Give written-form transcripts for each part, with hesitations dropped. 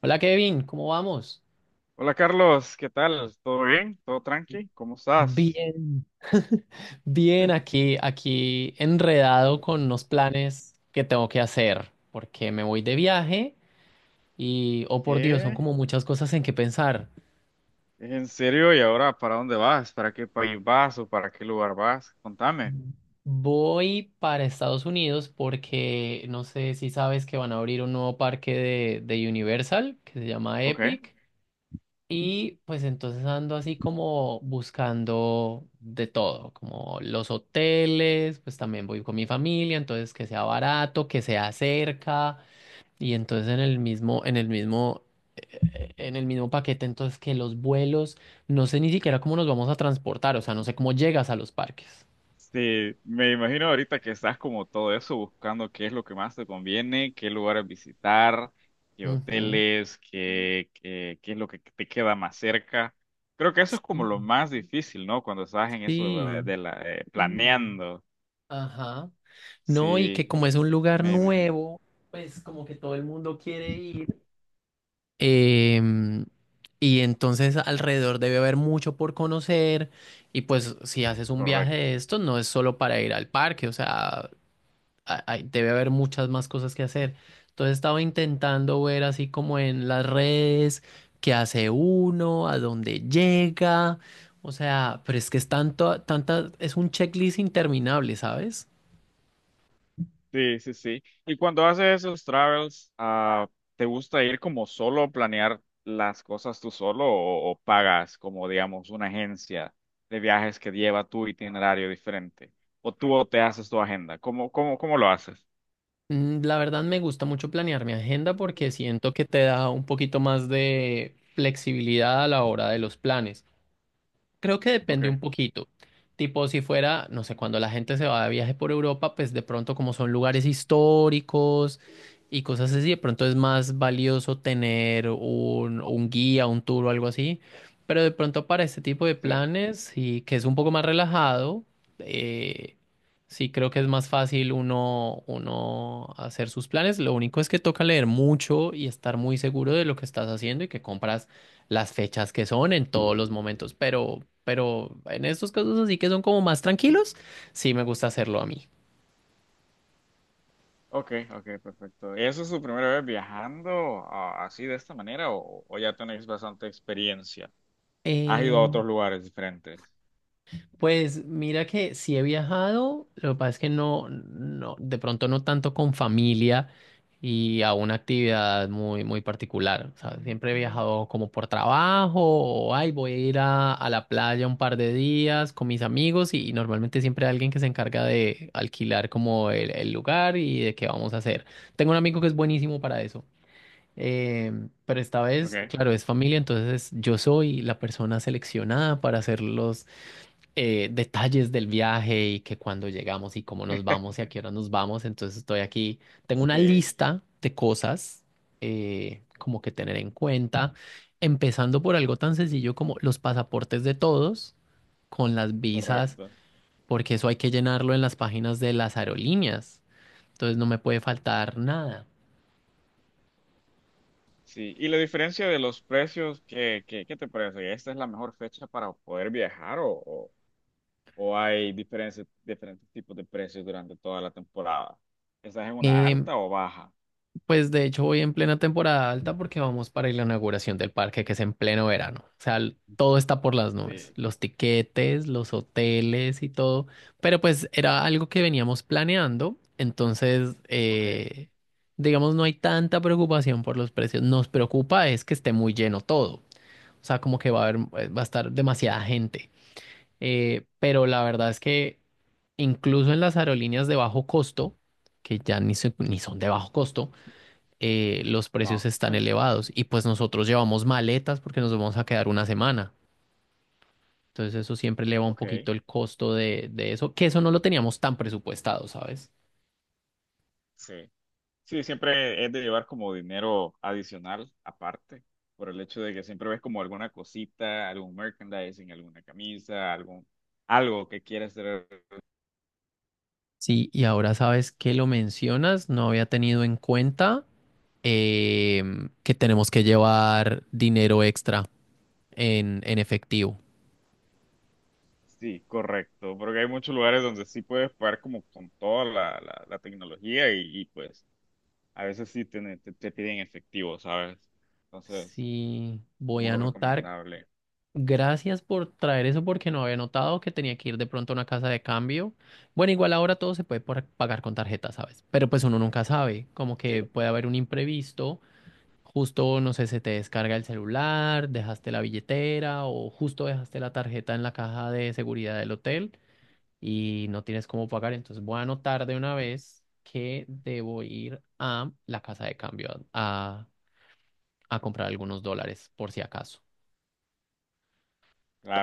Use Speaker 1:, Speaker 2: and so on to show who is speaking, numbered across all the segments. Speaker 1: Hola Kevin, ¿cómo vamos?
Speaker 2: Hola Carlos, ¿qué tal? ¿Todo bien? ¿Todo tranqui? ¿Cómo estás?
Speaker 1: Bien, Bien, aquí, enredado con unos planes que tengo que hacer, porque me voy de viaje y, oh por Dios, son
Speaker 2: ¿Qué?
Speaker 1: como muchas cosas en que pensar.
Speaker 2: ¿En serio? ¿Y ahora para dónde vas? ¿Para qué país vas o para qué lugar vas? Contame.
Speaker 1: Voy para Estados Unidos porque no sé si sabes que van a abrir un nuevo parque de Universal que se llama
Speaker 2: Ok.
Speaker 1: Epic. Y pues entonces ando así como buscando de todo, como los hoteles, pues también voy con mi familia, entonces que sea barato, que sea cerca, y entonces en el mismo paquete, entonces que los vuelos, no sé ni siquiera cómo nos vamos a transportar, o sea, no sé cómo llegas a los parques.
Speaker 2: Sí, me imagino ahorita que estás como todo eso, buscando qué es lo que más te conviene, qué lugares visitar, qué
Speaker 1: Ujú.
Speaker 2: hoteles, qué es lo que te queda más cerca. Creo que eso es como lo
Speaker 1: Sí,
Speaker 2: más difícil, ¿no? Cuando estás en eso de,
Speaker 1: sí,
Speaker 2: de la, eh, planeando.
Speaker 1: ajá. No, y que
Speaker 2: Sí,
Speaker 1: como es un lugar
Speaker 2: me imagino.
Speaker 1: nuevo, pues como que todo el mundo quiere ir. Em, y entonces alrededor debe haber mucho por conocer, y pues si haces un viaje
Speaker 2: Correcto.
Speaker 1: de estos no es solo para ir al parque, o sea, debe haber muchas más cosas que hacer. Entonces estaba intentando ver así como en las redes qué hace uno, a dónde llega, o sea, pero es que es tanta, es un checklist interminable, ¿sabes?
Speaker 2: Sí, sí, sí. Y cuando haces esos travels, ¿te gusta ir como solo, planear las cosas tú solo o pagas como, digamos, una agencia de viajes que lleva tu itinerario diferente? ¿O tú te haces tu agenda? ¿Cómo lo haces?
Speaker 1: La verdad me gusta mucho planear mi agenda porque siento que te da un poquito más de flexibilidad a la hora de los planes. Creo que
Speaker 2: Ok,
Speaker 1: depende un poquito. Tipo, si fuera, no sé, cuando la gente se va de viaje por Europa, pues de pronto como son lugares históricos y cosas así, de pronto es más valioso tener un guía, un tour o algo así. Pero de pronto para este tipo de
Speaker 2: sí.
Speaker 1: planes, y que es un poco más relajado, eh, sí creo que es más fácil uno hacer sus planes. Lo único es que toca leer mucho y estar muy seguro de lo que estás haciendo y que compras las fechas que son en todos los momentos, pero en estos casos así que son como más tranquilos, sí me gusta hacerlo a mí.
Speaker 2: Ok, ok, perfecto. ¿Eso es tu primera vez viajando así de esta manera o ya tenéis bastante experiencia? ¿Has ido a otros lugares diferentes?
Speaker 1: Pues mira que sí he viajado, lo que pasa es que no, no, de pronto no tanto con familia y a una actividad muy, muy particular. O sea, siempre he viajado como por trabajo o, ay, voy a ir a la playa un par de días con mis amigos y normalmente siempre hay alguien que se encarga de alquilar como el lugar y de qué vamos a hacer. Tengo un amigo que es buenísimo para eso. Pero esta
Speaker 2: Ok.
Speaker 1: vez, claro, es familia, entonces yo soy la persona seleccionada para hacer los detalles del viaje y que cuando llegamos y cómo nos vamos y a qué hora nos vamos. Entonces estoy aquí, tengo una
Speaker 2: Sí,
Speaker 1: lista de cosas como que tener en cuenta, empezando por algo tan sencillo como los pasaportes de todos con las visas,
Speaker 2: correcto.
Speaker 1: porque eso hay que llenarlo en las páginas de las aerolíneas. Entonces no me puede faltar nada.
Speaker 2: Sí, y la diferencia de los precios, ¿qué te parece? ¿Esta es la mejor fecha para poder viajar o hay diferentes tipos de precios durante toda la temporada? ¿Estás en una
Speaker 1: Em,
Speaker 2: alta o baja?
Speaker 1: Pues de hecho voy en plena temporada alta porque vamos para la inauguración del parque que es en pleno verano. O sea, l- todo está por las nubes,
Speaker 2: Sí,
Speaker 1: los tiquetes, los hoteles y todo. Pero pues era algo que veníamos planeando, entonces
Speaker 2: ok,
Speaker 1: digamos no hay tanta preocupación por los precios. Nos preocupa es que esté muy lleno todo. O sea, como que va a haber, va a estar demasiada gente. Pero la verdad es que incluso en las aerolíneas de bajo costo, que ya ni, se- ni son de bajo costo, los precios
Speaker 2: no,
Speaker 1: están elevados y pues nosotros llevamos maletas porque nos vamos a quedar una semana. Entonces eso siempre eleva un
Speaker 2: ok,
Speaker 1: poquito el costo de eso, que eso no lo teníamos tan presupuestado, ¿sabes?
Speaker 2: sí. Sí, siempre es de llevar como dinero adicional aparte, por el hecho de que siempre ves como alguna cosita, algún merchandising, alguna camisa, algún, algo que quieres hacer.
Speaker 1: Sí, y ahora sabes que lo mencionas, no había tenido en cuenta que tenemos que llevar dinero extra en efectivo.
Speaker 2: Sí, correcto, porque hay muchos lugares donde sí puedes pagar como con toda la tecnología pues a veces sí te piden efectivo, ¿sabes? Entonces,
Speaker 1: Sí, voy
Speaker 2: muy
Speaker 1: a anotar.
Speaker 2: Recomendable.
Speaker 1: Gracias por traer eso porque no había notado que tenía que ir de pronto a una casa de cambio. Bueno, igual ahora todo se puede por- pagar con tarjeta, ¿sabes? Pero pues uno nunca sabe, como
Speaker 2: Sí,
Speaker 1: que puede haber un imprevisto, justo, no sé, se te descarga el celular, dejaste la billetera o justo dejaste la tarjeta en la caja de seguridad del hotel y no tienes cómo pagar. Entonces voy a anotar de una vez que debo ir a la casa de cambio a, a comprar algunos dólares por si acaso.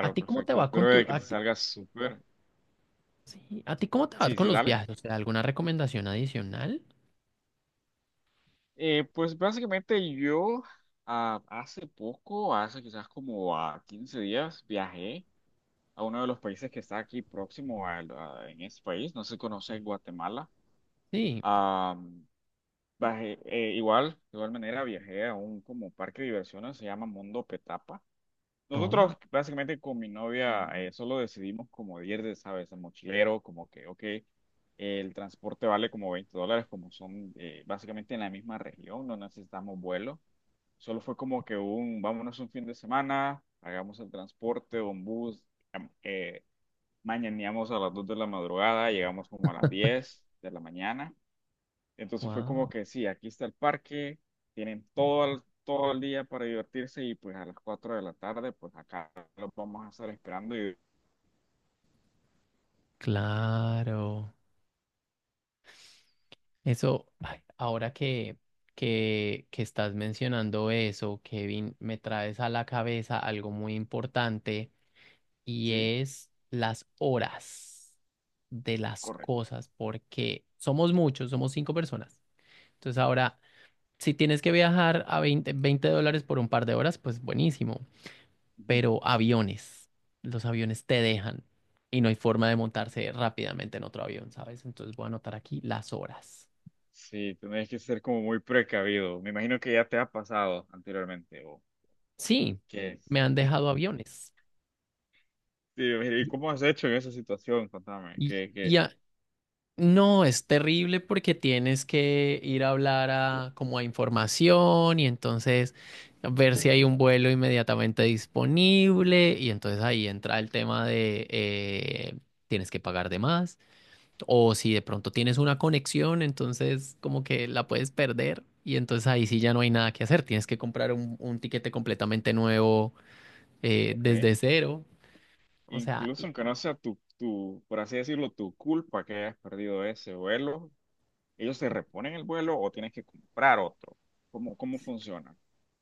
Speaker 1: ¿A ti cómo te
Speaker 2: perfecto.
Speaker 1: va con
Speaker 2: Espero
Speaker 1: tu,
Speaker 2: de que
Speaker 1: a
Speaker 2: te
Speaker 1: ti?
Speaker 2: salga súper.
Speaker 1: Sí. ¿A ti cómo te vas
Speaker 2: Sí, sí,
Speaker 1: con los
Speaker 2: dale.
Speaker 1: viajes? O sea, ¿alguna recomendación adicional?
Speaker 2: Pues básicamente yo, hace poco, hace quizás como a 15 días, viajé a uno de los países que está aquí próximo en ese país, no se conoce Guatemala.
Speaker 1: Sí.
Speaker 2: Bajé, igual, de igual manera viajé a un como parque de diversiones, se llama Mundo Petapa.
Speaker 1: No.
Speaker 2: Nosotros básicamente con mi novia solo decidimos como ir de, ¿sabes? A mochilero, como que, ok, el transporte vale como $20, como son básicamente en la misma región, no necesitamos vuelo. Solo fue como que un, vámonos un fin de semana, hagamos el transporte, un bus, am- eh, mañaneamos a las 2 de la madrugada, llegamos como a las 10 de la mañana. Entonces fue como
Speaker 1: Wow.
Speaker 2: que sí, aquí está el parque, tienen todo el día para divertirse y pues a las 4 de la tarde, pues acá los vamos a estar esperando y
Speaker 1: Claro. Eso, ay, ahora que estás mencionando eso, Kevin, me traes a la cabeza algo muy importante, y
Speaker 2: sí,
Speaker 1: es las horas de las
Speaker 2: correcto.
Speaker 1: cosas, porque somos muchos, somos cinco personas. Entonces ahora, si tienes que viajar a veinte dólares por un par de horas, pues buenísimo.
Speaker 2: Ujú.
Speaker 1: Pero aviones, los aviones te dejan y no hay forma de montarse rápidamente en otro avión, ¿sabes? Entonces voy a anotar aquí las horas.
Speaker 2: Sí, tenés que ser como muy precavido. Me imagino que ya te ha pasado anteriormente o
Speaker 1: Sí,
Speaker 2: que
Speaker 1: me han dejado aviones.
Speaker 2: sí, ¿y
Speaker 1: Y,
Speaker 2: cómo has hecho en esa situación? Contame,
Speaker 1: y-
Speaker 2: que,
Speaker 1: y
Speaker 2: que,
Speaker 1: a- no, es terrible porque tienes que ir a hablar a, como a información, y entonces ver si hay un vuelo inmediatamente disponible y entonces ahí entra el tema de tienes que pagar de más. O si de pronto tienes una conexión, entonces como que la puedes perder y entonces ahí sí ya no hay nada que hacer. Tienes que comprar un tiquete completamente nuevo
Speaker 2: ok.
Speaker 1: desde cero. O sea,
Speaker 2: Incluso aunque no sea por así decirlo, tu culpa que hayas perdido ese vuelo, ¿ellos te reponen el vuelo o tienes que comprar otro? ¿Cómo funciona?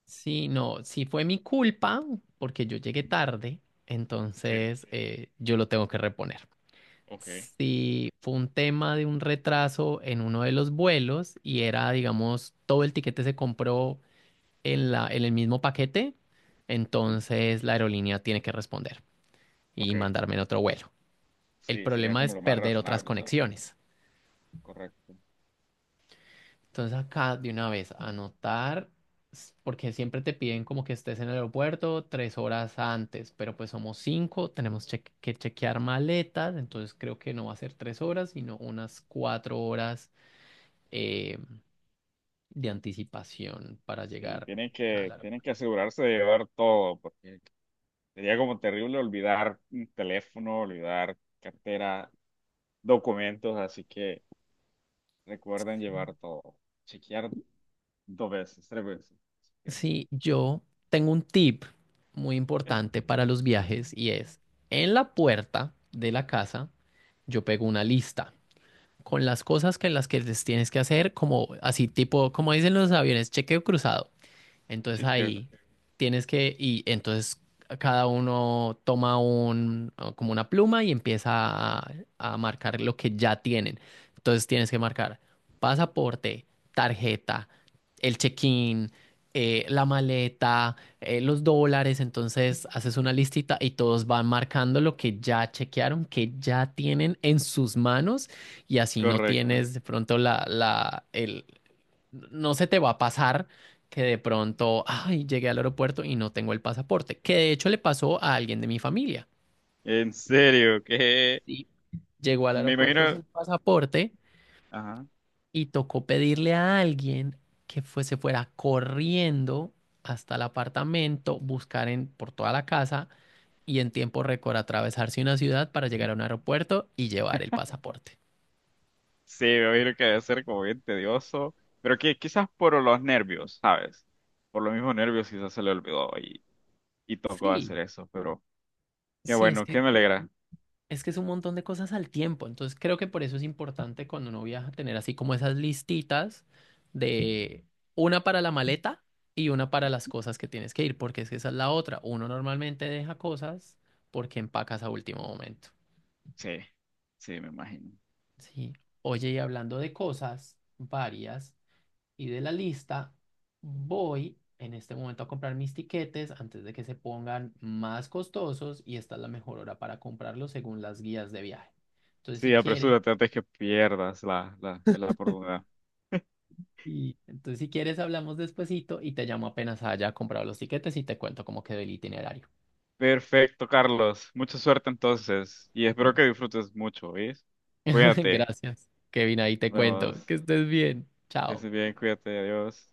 Speaker 1: sí, no, sí fue mi culpa porque yo llegué tarde,
Speaker 2: Sí,
Speaker 1: entonces yo lo tengo que reponer.
Speaker 2: ok.
Speaker 1: Sí, fue un tema de un retraso en uno de los vuelos y era, digamos, todo el tiquete se compró en el mismo paquete,
Speaker 2: Ujú.
Speaker 1: entonces la aerolínea tiene que responder
Speaker 2: Ok,
Speaker 1: y mandarme en otro vuelo. El
Speaker 2: sí, sería
Speaker 1: problema es
Speaker 2: como lo más
Speaker 1: perder otras
Speaker 2: razonable, ¿sabes?
Speaker 1: conexiones.
Speaker 2: Correcto.
Speaker 1: Entonces acá de una vez anotar, porque siempre te piden como que estés en el aeropuerto 3 horas antes, pero pues somos cinco, tenemos que chequear maletas, entonces creo que no va a ser 3 horas, sino unas 4 horas eh, de anticipación para
Speaker 2: Sí,
Speaker 1: llegar
Speaker 2: tienen
Speaker 1: al
Speaker 2: que, tienen que
Speaker 1: aeropuerto.
Speaker 2: asegurarse de llevar todo, porque sería como terrible olvidar un teléfono, olvidar cartera, documentos, así que recuerden llevar todo. Chequear dos veces, tres veces.
Speaker 1: Sí, yo tengo un tip muy importante para los viajes y es, en la puerta de la casa, yo pego una lista con las cosas que las que les tienes que hacer, como así tipo, como dicen los aviones, chequeo cruzado. Entonces
Speaker 2: Sí, que
Speaker 1: ahí tienes que, y entonces cada uno toma un, como una pluma y empieza a marcar lo que ya tienen. Entonces tienes que marcar pasaporte, tarjeta, el check-in, la maleta, los dólares. Entonces haces una listita y todos van marcando lo que ya chequearon, que ya tienen en sus manos, y así no
Speaker 2: correcto.
Speaker 1: tienes de pronto no se te va a pasar que de pronto, ay, llegué al aeropuerto y no tengo el pasaporte, que de hecho le pasó a alguien de mi familia.
Speaker 2: En serio, que
Speaker 1: ¿Sí? Llegó al
Speaker 2: me
Speaker 1: aeropuerto
Speaker 2: imagino.
Speaker 1: sin pasaporte
Speaker 2: Ajá.
Speaker 1: y tocó pedirle a alguien que fue- se fuera corriendo hasta el apartamento, buscar en, por toda la casa y en tiempo récord atravesarse una ciudad para llegar a un aeropuerto y llevar el pasaporte.
Speaker 2: Sí, me imagino que debe ser como bien tedioso, pero que quizás por los nervios, ¿sabes? Por los mismos nervios quizás se le olvidó y tocó
Speaker 1: Sí,
Speaker 2: hacer eso, pero qué
Speaker 1: sí, es
Speaker 2: bueno,
Speaker 1: que
Speaker 2: qué me alegra.
Speaker 1: Es que Es un montón de cosas al tiempo, entonces creo que por eso es importante cuando uno viaja tener así como esas listitas, de una para la maleta y una para las cosas que tienes que ir, porque es que esa es la otra. Uno normalmente deja cosas porque empacas a último momento.
Speaker 2: Sí, sí, me imagino.
Speaker 1: Sí. Oye, y hablando de cosas varias y de la lista, voy en este momento a comprar mis tiquetes antes de que se pongan más costosos y esta es la mejor hora para comprarlos según las guías de viaje. Entonces,
Speaker 2: Sí,
Speaker 1: si quieres...
Speaker 2: apresúrate antes que pierdas la oportunidad.
Speaker 1: Y entonces, si quieres, hablamos despuesito y te llamo apenas haya comprado los tiquetes y te cuento cómo quedó el itinerario.
Speaker 2: Perfecto, Carlos. Mucha suerte entonces y espero que disfrutes mucho, ¿ves? Cuídate.
Speaker 1: Gracias, Kevin, ahí
Speaker 2: Nos
Speaker 1: te
Speaker 2: Igual.
Speaker 1: cuento. Que
Speaker 2: Vemos.
Speaker 1: estés bien.
Speaker 2: Que estés
Speaker 1: Chao.
Speaker 2: bien, cuídate, adiós.